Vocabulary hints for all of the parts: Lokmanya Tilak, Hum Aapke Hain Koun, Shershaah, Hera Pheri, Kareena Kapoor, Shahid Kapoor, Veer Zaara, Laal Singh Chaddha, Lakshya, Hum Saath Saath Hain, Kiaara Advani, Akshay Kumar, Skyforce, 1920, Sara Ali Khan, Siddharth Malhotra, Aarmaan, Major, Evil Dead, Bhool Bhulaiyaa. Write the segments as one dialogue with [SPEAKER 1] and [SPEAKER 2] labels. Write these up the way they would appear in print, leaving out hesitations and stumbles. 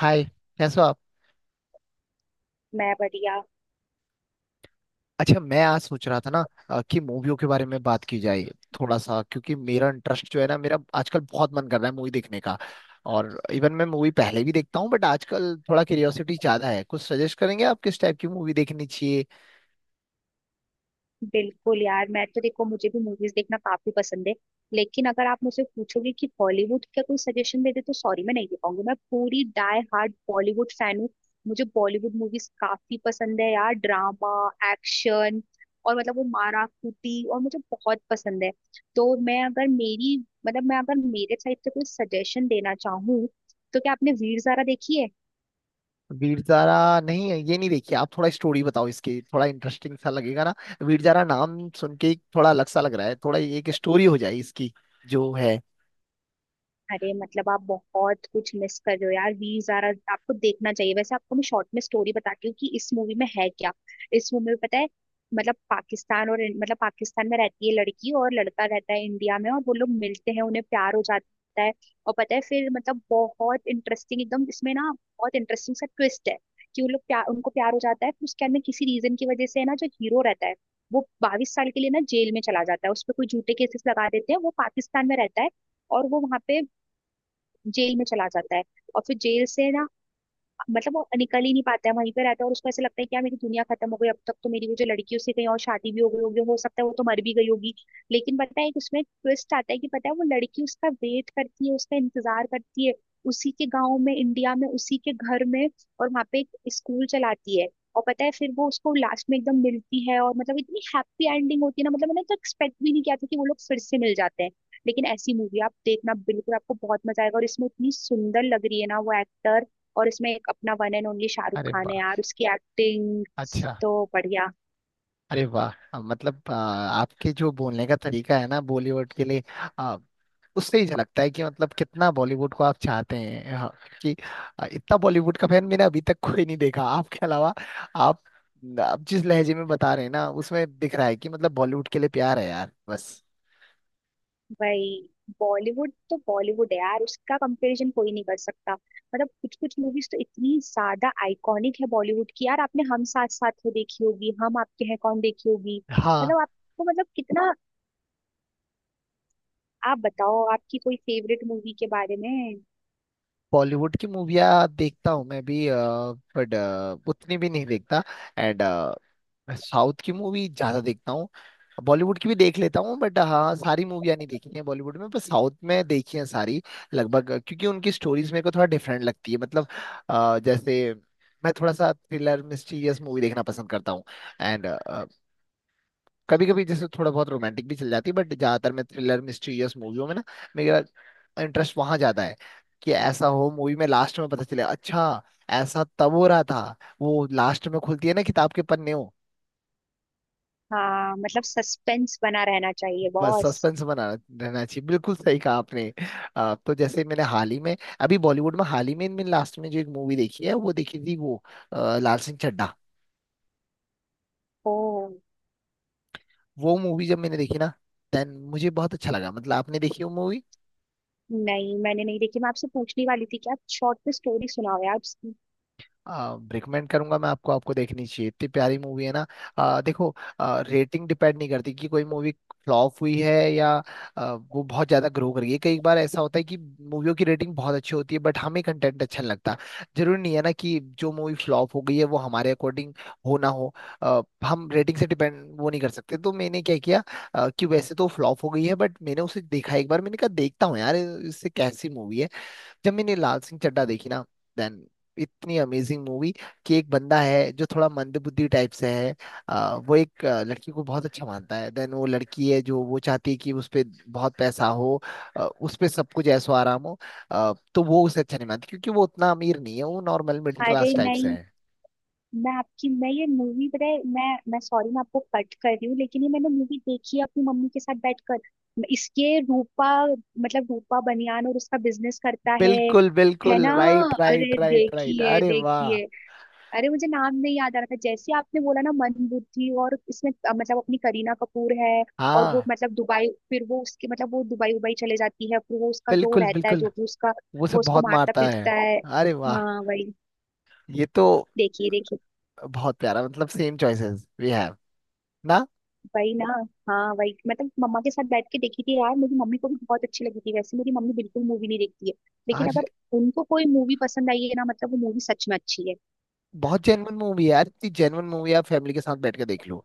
[SPEAKER 1] हाय। कैसे हो आप।
[SPEAKER 2] मैं बढ़िया।
[SPEAKER 1] अच्छा, मैं आज सोच रहा था ना कि मूवियों के बारे में बात की जाए थोड़ा सा, क्योंकि मेरा इंटरेस्ट जो है ना, मेरा आजकल बहुत मन कर रहा है मूवी देखने का। और इवन मैं मूवी पहले भी देखता हूँ, बट आजकल थोड़ा क्यूरियोसिटी ज्यादा है। कुछ सजेस्ट करेंगे आप किस टाइप की मूवी देखनी चाहिए।
[SPEAKER 2] बिल्कुल यार, मैं तो देखो मुझे भी मूवीज देखना काफी पसंद है। लेकिन अगर आप मुझसे पूछोगे कि बॉलीवुड का कोई सजेशन दे दे तो सॉरी, मैं नहीं दे पाऊंगी। मैं पूरी डाई हार्ड बॉलीवुड फैन हूँ। मुझे बॉलीवुड मूवीज काफी पसंद है यार। ड्रामा, एक्शन, और मतलब वो मारा कूटी और मुझे बहुत पसंद है। तो मैं अगर मेरी मैं अगर मेरे साइड से कोई सजेशन देना चाहूँ तो क्या आपने वीर ज़ारा देखी है?
[SPEAKER 1] वीर जारा? नहीं है, ये नहीं देखिए। आप थोड़ा स्टोरी बताओ इसकी, थोड़ा इंटरेस्टिंग सा लगेगा ना। वीर जारा नाम सुन के ही थोड़ा अलग सा लग रहा है। थोड़ा एक स्टोरी हो जाए इसकी जो है।
[SPEAKER 2] अरे मतलब आप बहुत कुछ मिस कर रहे हो यार, वी जारा आपको देखना चाहिए। वैसे आपको मैं शॉर्ट में स्टोरी बताती हूँ कि इस मूवी में है क्या। इस मूवी में पता है, मतलब पाकिस्तान और मतलब पाकिस्तान में रहती है लड़की और लड़का रहता है इंडिया में, और वो लोग मिलते हैं, उन्हें प्यार हो जाता है। और पता है फिर मतलब बहुत इंटरेस्टिंग एकदम इसमें ना, बहुत इंटरेस्टिंग सा ट्विस्ट है। कि वो लोग प्यार उनको प्यार हो जाता है, फिर उसके बाद में किसी रीजन की वजह से है ना, जो हीरो रहता है वो 22 साल के लिए ना जेल में चला जाता है। उस पर कोई झूठे केसेस लगा देते हैं। वो पाकिस्तान में रहता है और वो वहां पे जेल में चला जाता है। और फिर जेल से ना, मतलब वो निकल ही नहीं पाता है, वहीं पे रहता है। और उसको ऐसा लगता है कि यार मेरी दुनिया खत्म हो गई, अब तक तो मेरी वो जो लड़की है, उससे कहीं और शादी भी हो गई होगी, हो सकता है वो तो मर भी गई होगी। लेकिन पता है एक उसमें ट्विस्ट आता है कि पता है वो लड़की उसका वेट करती है, उसका इंतजार करती है, उसी के गाँव में, इंडिया में, उसी के घर में। और वहाँ पे एक स्कूल चलाती है। और पता है फिर वो उसको लास्ट में एकदम मिलती है, और मतलब इतनी हैप्पी एंडिंग होती है ना, मतलब मैंने तो एक्सपेक्ट भी नहीं किया था कि वो लोग फिर से मिल जाते हैं। लेकिन ऐसी मूवी आप देखना, बिल्कुल आपको बहुत मजा आएगा। और इसमें इतनी सुंदर लग रही है ना वो एक्टर। और इसमें एक अपना वन एंड ओनली शाहरुख
[SPEAKER 1] अरे
[SPEAKER 2] खान है
[SPEAKER 1] वाह।
[SPEAKER 2] यार, उसकी एक्टिंग
[SPEAKER 1] अच्छा।
[SPEAKER 2] तो बढ़िया।
[SPEAKER 1] अरे वाह, मतलब आपके जो बोलने का तरीका है ना बॉलीवुड के लिए, अ, उससे ही झलकता है कि मतलब कितना बॉलीवुड को आप चाहते हैं। हाँ, कि इतना बॉलीवुड का फैन मैंने अभी तक कोई नहीं देखा आपके अलावा। आप आप जिस लहजे में बता रहे हैं ना, उसमें दिख रहा है कि मतलब बॉलीवुड के लिए प्यार है यार बस।
[SPEAKER 2] भाई, बॉलीवुड तो बॉलीवुड है यार, उसका कंपैरिजन कोई नहीं कर सकता। मतलब कुछ कुछ मूवीज तो इतनी ज्यादा आइकॉनिक है बॉलीवुड की यार। आपने हम साथ साथ है देखी होगी, हम आपके हैं कौन देखी होगी।
[SPEAKER 1] हाँ,
[SPEAKER 2] मतलब आपको मतलब कितना, आप बताओ आपकी कोई फेवरेट मूवी के बारे में।
[SPEAKER 1] बॉलीवुड की मूवियाँ देखता हूँ मैं भी, बट उतनी भी नहीं देखता। एंड मैं साउथ की मूवी ज्यादा देखता हूँ। बॉलीवुड की भी देख लेता हूँ, बट हाँ, सारी मूवियाँ नहीं देखी हैं बॉलीवुड में, पर साउथ में देखी हैं सारी लगभग, क्योंकि उनकी स्टोरीज मेरे को थोड़ा डिफरेंट लगती है। मतलब, जैसे मैं थोड़ा सा थ्रिलर मिस्टीरियस मूवी देखना पसंद करता हूँ। एंड कभी कभी जैसे थोड़ा बहुत रोमांटिक भी चल जाती है, बट ज्यादातर मैं थ्रिलर मिस्टीरियस मूवियों में ना, मेरा इंटरेस्ट वहां ज्यादा है। कि ऐसा हो मूवी में लास्ट में पता चले, अच्छा, ऐसा तब हो रहा था। वो लास्ट में खुलती है ना किताब के पन्ने।
[SPEAKER 2] हाँ, मतलब सस्पेंस बना रहना चाहिए
[SPEAKER 1] बस
[SPEAKER 2] बॉस।
[SPEAKER 1] सस्पेंस बना रहना चाहिए, बिल्कुल सही कहा आपने। तो जैसे मैंने हाल ही में, अभी बॉलीवुड में हाल ही में इनमें लास्ट में जो एक मूवी देखी है, वो देखी थी वो लाल सिंह चड्ढा।
[SPEAKER 2] ओ,
[SPEAKER 1] वो मूवी जब मैंने देखी ना, देन मुझे बहुत अच्छा लगा। मतलब आपने देखी वो मूवी?
[SPEAKER 2] नहीं मैंने नहीं देखी। मैं आपसे पूछने वाली थी कि आप शॉर्ट में स्टोरी सुनाओ यार।
[SPEAKER 1] रिकमेंड करूंगा मैं आपको, आपको देखनी चाहिए, इतनी प्यारी मूवी है ना। देखो, रेटिंग डिपेंड नहीं करती कि कोई मूवी फ्लॉप हुई है या वो बहुत ज्यादा ग्रो कर गई है। कई बार ऐसा होता है कि मूवियों की रेटिंग बहुत अच्छी होती है बट हमें कंटेंट अच्छा नहीं लगता। जरूरी नहीं है ना कि जो मूवी फ्लॉप हो गई है वो हमारे अकॉर्डिंग हो ना हो। आ, हम रेटिंग से डिपेंड वो नहीं कर सकते। तो मैंने क्या किया, कि वैसे तो फ्लॉप हो गई है, बट मैंने उसे देखा। एक बार मैंने कहा, देखता हूँ यार इससे कैसी मूवी है। जब मैंने लाल सिंह चड्ढा देखी ना, देन इतनी अमेजिंग मूवी। कि एक बंदा है जो थोड़ा मंदबुद्धि टाइप से है। वो एक लड़की को बहुत अच्छा मानता है। देन वो लड़की है जो वो चाहती है कि उस पे बहुत पैसा हो, उस पे सब कुछ ऐसो आराम हो। तो वो उसे अच्छा नहीं मानती क्योंकि वो उतना अमीर नहीं है, वो नॉर्मल मिडिल
[SPEAKER 2] अरे
[SPEAKER 1] क्लास टाइप से
[SPEAKER 2] नहीं,
[SPEAKER 1] है।
[SPEAKER 2] मैं आपकी मैं ये मूवी पता है मैं सॉरी मैं आपको कट कर रही हूँ, लेकिन ये मैंने मूवी देखी है अपनी मम्मी के साथ बैठकर। इसके रूपा मतलब रूपा बनियान और उसका बिजनेस करता है
[SPEAKER 1] बिल्कुल
[SPEAKER 2] है
[SPEAKER 1] बिल्कुल,
[SPEAKER 2] ना।
[SPEAKER 1] राइट राइट
[SPEAKER 2] अरे
[SPEAKER 1] राइट राइट।
[SPEAKER 2] देखिए
[SPEAKER 1] अरे वाह।
[SPEAKER 2] देखिए, अरे मुझे नाम नहीं याद आ रहा था, जैसे आपने बोला ना मन बुद्धि। और इसमें मतलब अपनी करीना कपूर है। और वो
[SPEAKER 1] हाँ,
[SPEAKER 2] मतलब दुबई, फिर वो उसके मतलब वो दुबई उबई चले जाती है, फिर वो उसका जो
[SPEAKER 1] बिल्कुल
[SPEAKER 2] रहता है
[SPEAKER 1] बिल्कुल।
[SPEAKER 2] जो भी उसका,
[SPEAKER 1] वो
[SPEAKER 2] वो
[SPEAKER 1] सब
[SPEAKER 2] उसको
[SPEAKER 1] बहुत
[SPEAKER 2] मारता
[SPEAKER 1] मारता है।
[SPEAKER 2] पीटता है।
[SPEAKER 1] अरे वाह।
[SPEAKER 2] हाँ वही,
[SPEAKER 1] ये तो
[SPEAKER 2] देखिए देखिए।
[SPEAKER 1] बहुत प्यारा, मतलब सेम चॉइसेस वी हैव ना।
[SPEAKER 2] वही ना, हाँ वही, मतलब मम्मा के साथ बैठ के देखी थी यार। मेरी मम्मी को भी बहुत अच्छी लगी थी। वैसे मेरी मम्मी बिल्कुल मूवी नहीं देखती है, लेकिन
[SPEAKER 1] आज
[SPEAKER 2] अगर उनको कोई मूवी पसंद आई है ना, मतलब वो मूवी सच में अच्छी है।
[SPEAKER 1] बहुत जेनवन मूवी है यार, इतनी जेनवन मूवी आप फैमिली के साथ बैठ के देख लो।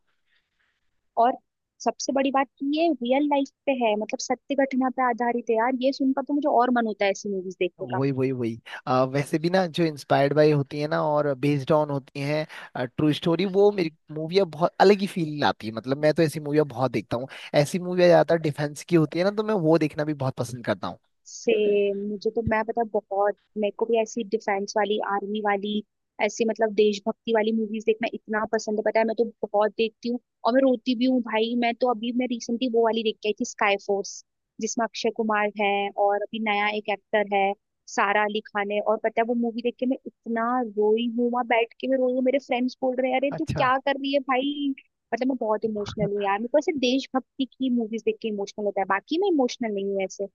[SPEAKER 2] और सबसे बड़ी बात कि ये रियल लाइफ पे है, मतलब सत्य घटना पे आधारित है यार। ये सुनकर तो मुझे और मन होता है ऐसी मूवीज देखने का।
[SPEAKER 1] वही वही वही, वैसे भी ना जो इंस्पायर्ड बाय होती है ना और बेस्ड ऑन होती हैं ट्रू स्टोरी, वो मेरी मूवियाँ बहुत अलग ही फील लाती है। मतलब मैं तो ऐसी मूवियाँ बहुत देखता हूँ। ऐसी मूवियाँ ज्यादातर डिफेंस की होती है ना, तो मैं वो देखना भी बहुत पसंद करता हूँ।
[SPEAKER 2] सेम, मुझे तो मैं पता है, बहुत मेरे को भी ऐसी डिफेंस वाली, आर्मी वाली, ऐसी मतलब देशभक्ति वाली मूवीज देखना इतना पसंद है, पता है। मैं तो बहुत देखती हूँ। और मैं रोती भी हूँ भाई। मैं तो अभी, मैं रिसेंटली वो वाली देख के आई थी, स्काई फोर्स, जिसमें अक्षय कुमार है। और अभी नया एक एक्टर है, सारा अली खान है। और पता है वो मूवी देख के मैं इतना रोई हूँ, वहां बैठ के मैं रोई हूँ, मेरे फ्रेंड्स बोल रहे हैं अरे तू
[SPEAKER 1] अच्छा।
[SPEAKER 2] क्या कर रही है भाई। मतलब मैं बहुत इमोशनल हूँ यार, मेरे को ऐसे देशभक्ति की मूवीज देख के इमोशनल होता है, बाकी मैं इमोशनल नहीं हूँ ऐसे।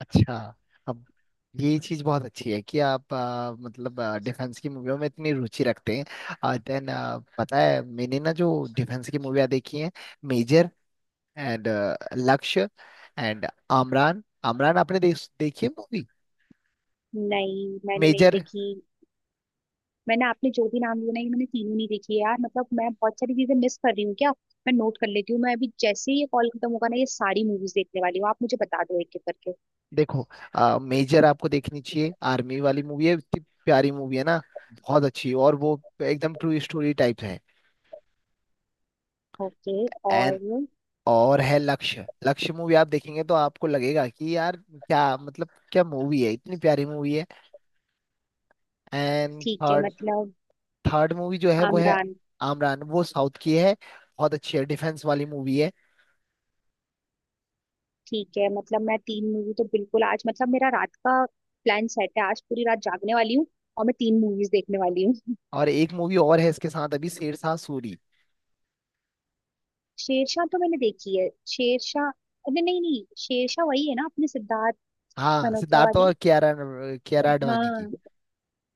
[SPEAKER 1] अच्छा। अब ये चीज बहुत अच्छी है कि आप मतलब डिफेंस की मूवियों में इतनी रुचि रखते हैं। देन पता है मैंने ना जो डिफेंस की मूवियाँ देखी हैं, Major and Lakshya and Amaran. Amaran आपने देखी है मूवी?
[SPEAKER 2] नहीं मैंने नहीं
[SPEAKER 1] मेजर
[SPEAKER 2] देखी। मैंने, आपने जो भी नाम लिया ना, ये मैंने तीनों नहीं देखी है यार। मतलब मैं बहुत सारी चीजें मिस कर रही हूँ क्या। मैं नोट कर लेती हूँ, मैं अभी जैसे ही ये कॉल खत्म होगा ना, ये सारी मूवीज देखने वाली हूँ। आप मुझे बता दो एक एक करके।
[SPEAKER 1] देखो, मेजर आपको देखनी चाहिए, आर्मी वाली मूवी है, इतनी प्यारी मूवी है ना, बहुत अच्छी। और वो एकदम ट्रू स्टोरी टाइप है।
[SPEAKER 2] ओके,
[SPEAKER 1] एंड
[SPEAKER 2] और?
[SPEAKER 1] और है लक्ष्य। लक्ष्य मूवी आप देखेंगे तो आपको लगेगा कि यार क्या मतलब क्या मूवी है, इतनी प्यारी मूवी है। एंड
[SPEAKER 2] ठीक है,
[SPEAKER 1] थर्ड,
[SPEAKER 2] मतलब
[SPEAKER 1] थर्ड मूवी जो है वो है
[SPEAKER 2] आमरान।
[SPEAKER 1] आमरान। वो साउथ की है, बहुत अच्छी है, डिफेंस वाली मूवी है।
[SPEAKER 2] ठीक है, मतलब मैं तीन मूवी तो बिल्कुल आज, मतलब मेरा रात का प्लान सेट है, आज पूरी रात जागने वाली हूँ और मैं तीन मूवीज देखने वाली हूँ।
[SPEAKER 1] और एक मूवी और है इसके साथ अभी, शेरशाह सूरी।
[SPEAKER 2] शेरशाह तो मैंने देखी है। शेरशाह, अरे नहीं नहीं, शेरशाह वही है ना अपने सिद्धार्थ
[SPEAKER 1] हाँ,
[SPEAKER 2] मल्होत्रा
[SPEAKER 1] सिद्धार्थ और
[SPEAKER 2] वाली?
[SPEAKER 1] कियारा, कियारा आडवाणी की।
[SPEAKER 2] हाँ,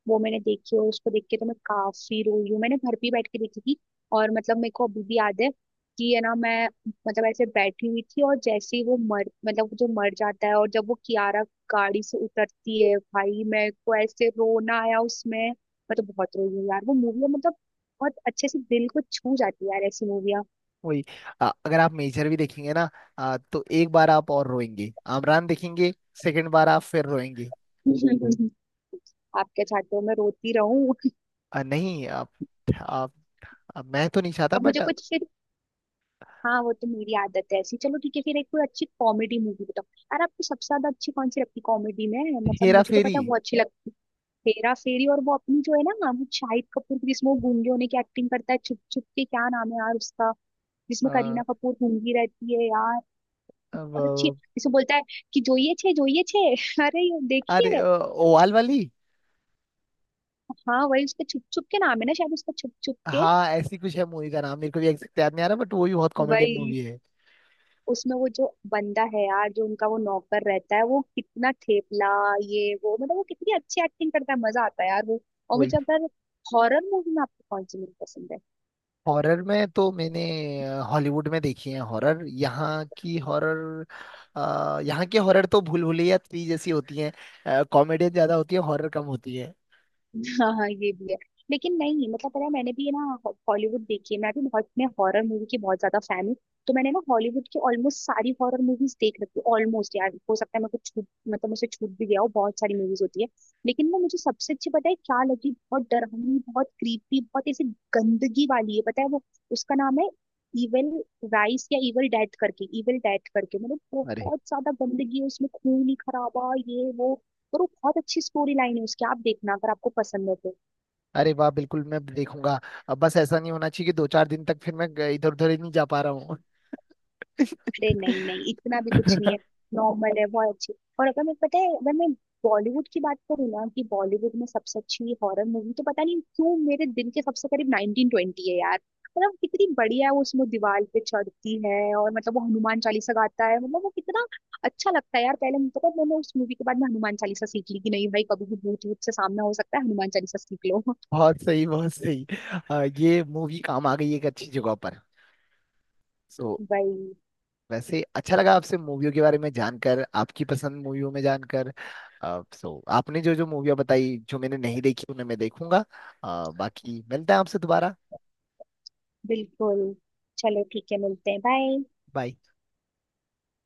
[SPEAKER 2] वो मैंने देखी, और उसको देख के तो मैं काफी रोई हूँ। मैंने घर पे ही बैठ के देखी थी। और मतलब मेरे को अभी भी याद है कि है ना, मैं मतलब ऐसे बैठी हुई थी, और जैसे ही वो मर, मतलब जो मर जाता है, और जब वो कियारा गाड़ी से उतरती है, भाई मेरे को ऐसे रोना आया उसमें, मैं तो बहुत रोई हूँ यार। वो मूवी मतलब बहुत अच्छे से दिल को छू जाती है यार, ऐसी मूवियाँ।
[SPEAKER 1] वही। अगर आप मेजर भी देखेंगे ना, तो एक बार आप और रोएंगे। आमरान देखेंगे, सेकंड बार आप फिर रोएंगे।
[SPEAKER 2] आप क्या चाहते हो, मैं रोती रहूं?
[SPEAKER 1] नहीं, आप, आप मैं तो नहीं चाहता,
[SPEAKER 2] अब मुझे
[SPEAKER 1] बट
[SPEAKER 2] कुछ फिर, हाँ वो तो मेरी आदत है ऐसी। चलो ठीक है, फिर एक कोई अच्छी कॉमेडी मूवी बताओ यार। आपको सबसे ज्यादा अच्छी कौन सी लगती कॉमेडी में? मतलब
[SPEAKER 1] हेरा
[SPEAKER 2] मुझे तो
[SPEAKER 1] फेरी।
[SPEAKER 2] पता है वो अच्छी लगती है, हेरा फेरी। और वो अपनी जो है ना, वो शाहिद कपूर की, जिसमें वो गूंगे होने की एक्टिंग करता है, छुप छुप के, क्या नाम है यार उसका, जिसमें
[SPEAKER 1] अ,
[SPEAKER 2] करीना कपूर गूंगी रहती है यार, बहुत अच्छी है।
[SPEAKER 1] अब,
[SPEAKER 2] जिसमें बोलता है कि जोइए छे, जोइए छे। अरे ये
[SPEAKER 1] अरे
[SPEAKER 2] देखिए,
[SPEAKER 1] ओवाल वाली।
[SPEAKER 2] हाँ वही, उसका छुप छुप के नाम है ना शायद, उसका छुप छुप के।
[SPEAKER 1] हाँ, ऐसी कुछ है मूवी का नाम, मेरे को भी एग्जैक्ट याद नहीं आ रहा, बट वो भी बहुत कॉमेडियन
[SPEAKER 2] वही,
[SPEAKER 1] मूवी है।
[SPEAKER 2] उसमें वो जो बंदा है यार, जो उनका वो नौकर रहता है, वो कितना ठेपला ये वो, मतलब वो कितनी अच्छी एक्टिंग करता है, मजा आता है यार वो। और मुझे अगर, हॉरर मूवी में आपको कौन सी मूवी पसंद है?
[SPEAKER 1] हॉरर में तो मैंने हॉलीवुड में देखी है हॉरर। यहाँ की हॉरर, यहाँ की हॉरर तो भूल भुलैया 3 जैसी होती है, कॉमेडियन ज्यादा होती है, हॉरर कम होती है।
[SPEAKER 2] हाँ हाँ, ये भी है। लेकिन नहीं, मतलब पता है मैंने भी ना हॉलीवुड देखी है, मैं भी बहुत, मैं हॉरर मूवी की बहुत ज्यादा फैन हूँ। तो मैंने ना हॉलीवुड की ऑलमोस्ट सारी हॉरर मूवीज देख रखी हूँ, ऑलमोस्ट। यार हो सकता है मैं कुछ छूट, मतलब मुझसे छूट भी गया हो, बहुत सारी मूवीज होती है। लेकिन ना मुझे सबसे अच्छी पता है क्या लगी, बहुत डरावनी, बहुत क्रीपी, बहुत ऐसी गंदगी वाली है, पता है। वो, उसका नाम है इविल राइस या इविल डेथ करके इविल डेथ करके। मतलब
[SPEAKER 1] अरे।
[SPEAKER 2] बहुत ज्यादा गंदगी है उसमें, खून ही खराबा ये वो। पर वो बहुत अच्छी स्टोरी लाइन है उसकी, आप देखना अगर आपको पसंद है तो।
[SPEAKER 1] अरे वाह, बिल्कुल मैं देखूंगा। अब बस ऐसा नहीं होना चाहिए कि दो चार दिन तक फिर मैं इधर उधर ही नहीं जा पा रहा हूँ।
[SPEAKER 2] अरे नहीं नहीं, इतना भी कुछ नहीं है, नॉर्मल है, बहुत अच्छी। और अगर मैं पता है, अगर मैं बॉलीवुड की बात करूँ ना, कि बॉलीवुड में सबसे अच्छी हॉरर मूवी, तो पता नहीं क्यों मेरे दिल के सबसे करीब 1920 है यार। मतलब कितनी बढ़िया है वो, उसमें दीवार पे चढ़ती है और मतलब वो हनुमान चालीसा गाता है, मतलब वो कितना अच्छा लगता है यार। पहले मुझे पता है, मैंने उस मूवी के बाद में हनुमान चालीसा सीख ली, कि नहीं भाई कभी भी भूत भूत से सामना हो सकता है, हनुमान चालीसा सीख लो।
[SPEAKER 1] बहुत सही बहुत सही। ये मूवी काम आ गई एक अच्छी जगह पर। सो,
[SPEAKER 2] भाई,
[SPEAKER 1] वैसे अच्छा लगा आपसे मूवियों के बारे में जानकर, आपकी पसंद मूवियों में जानकर। सो आपने जो जो मूवियाँ बताई जो मैंने नहीं देखी, उन्हें मैं देखूंगा। बाकी मिलते हैं आपसे दोबारा।
[SPEAKER 2] बिल्कुल। चलो ठीक है, मिलते हैं, बाय।
[SPEAKER 1] बाय।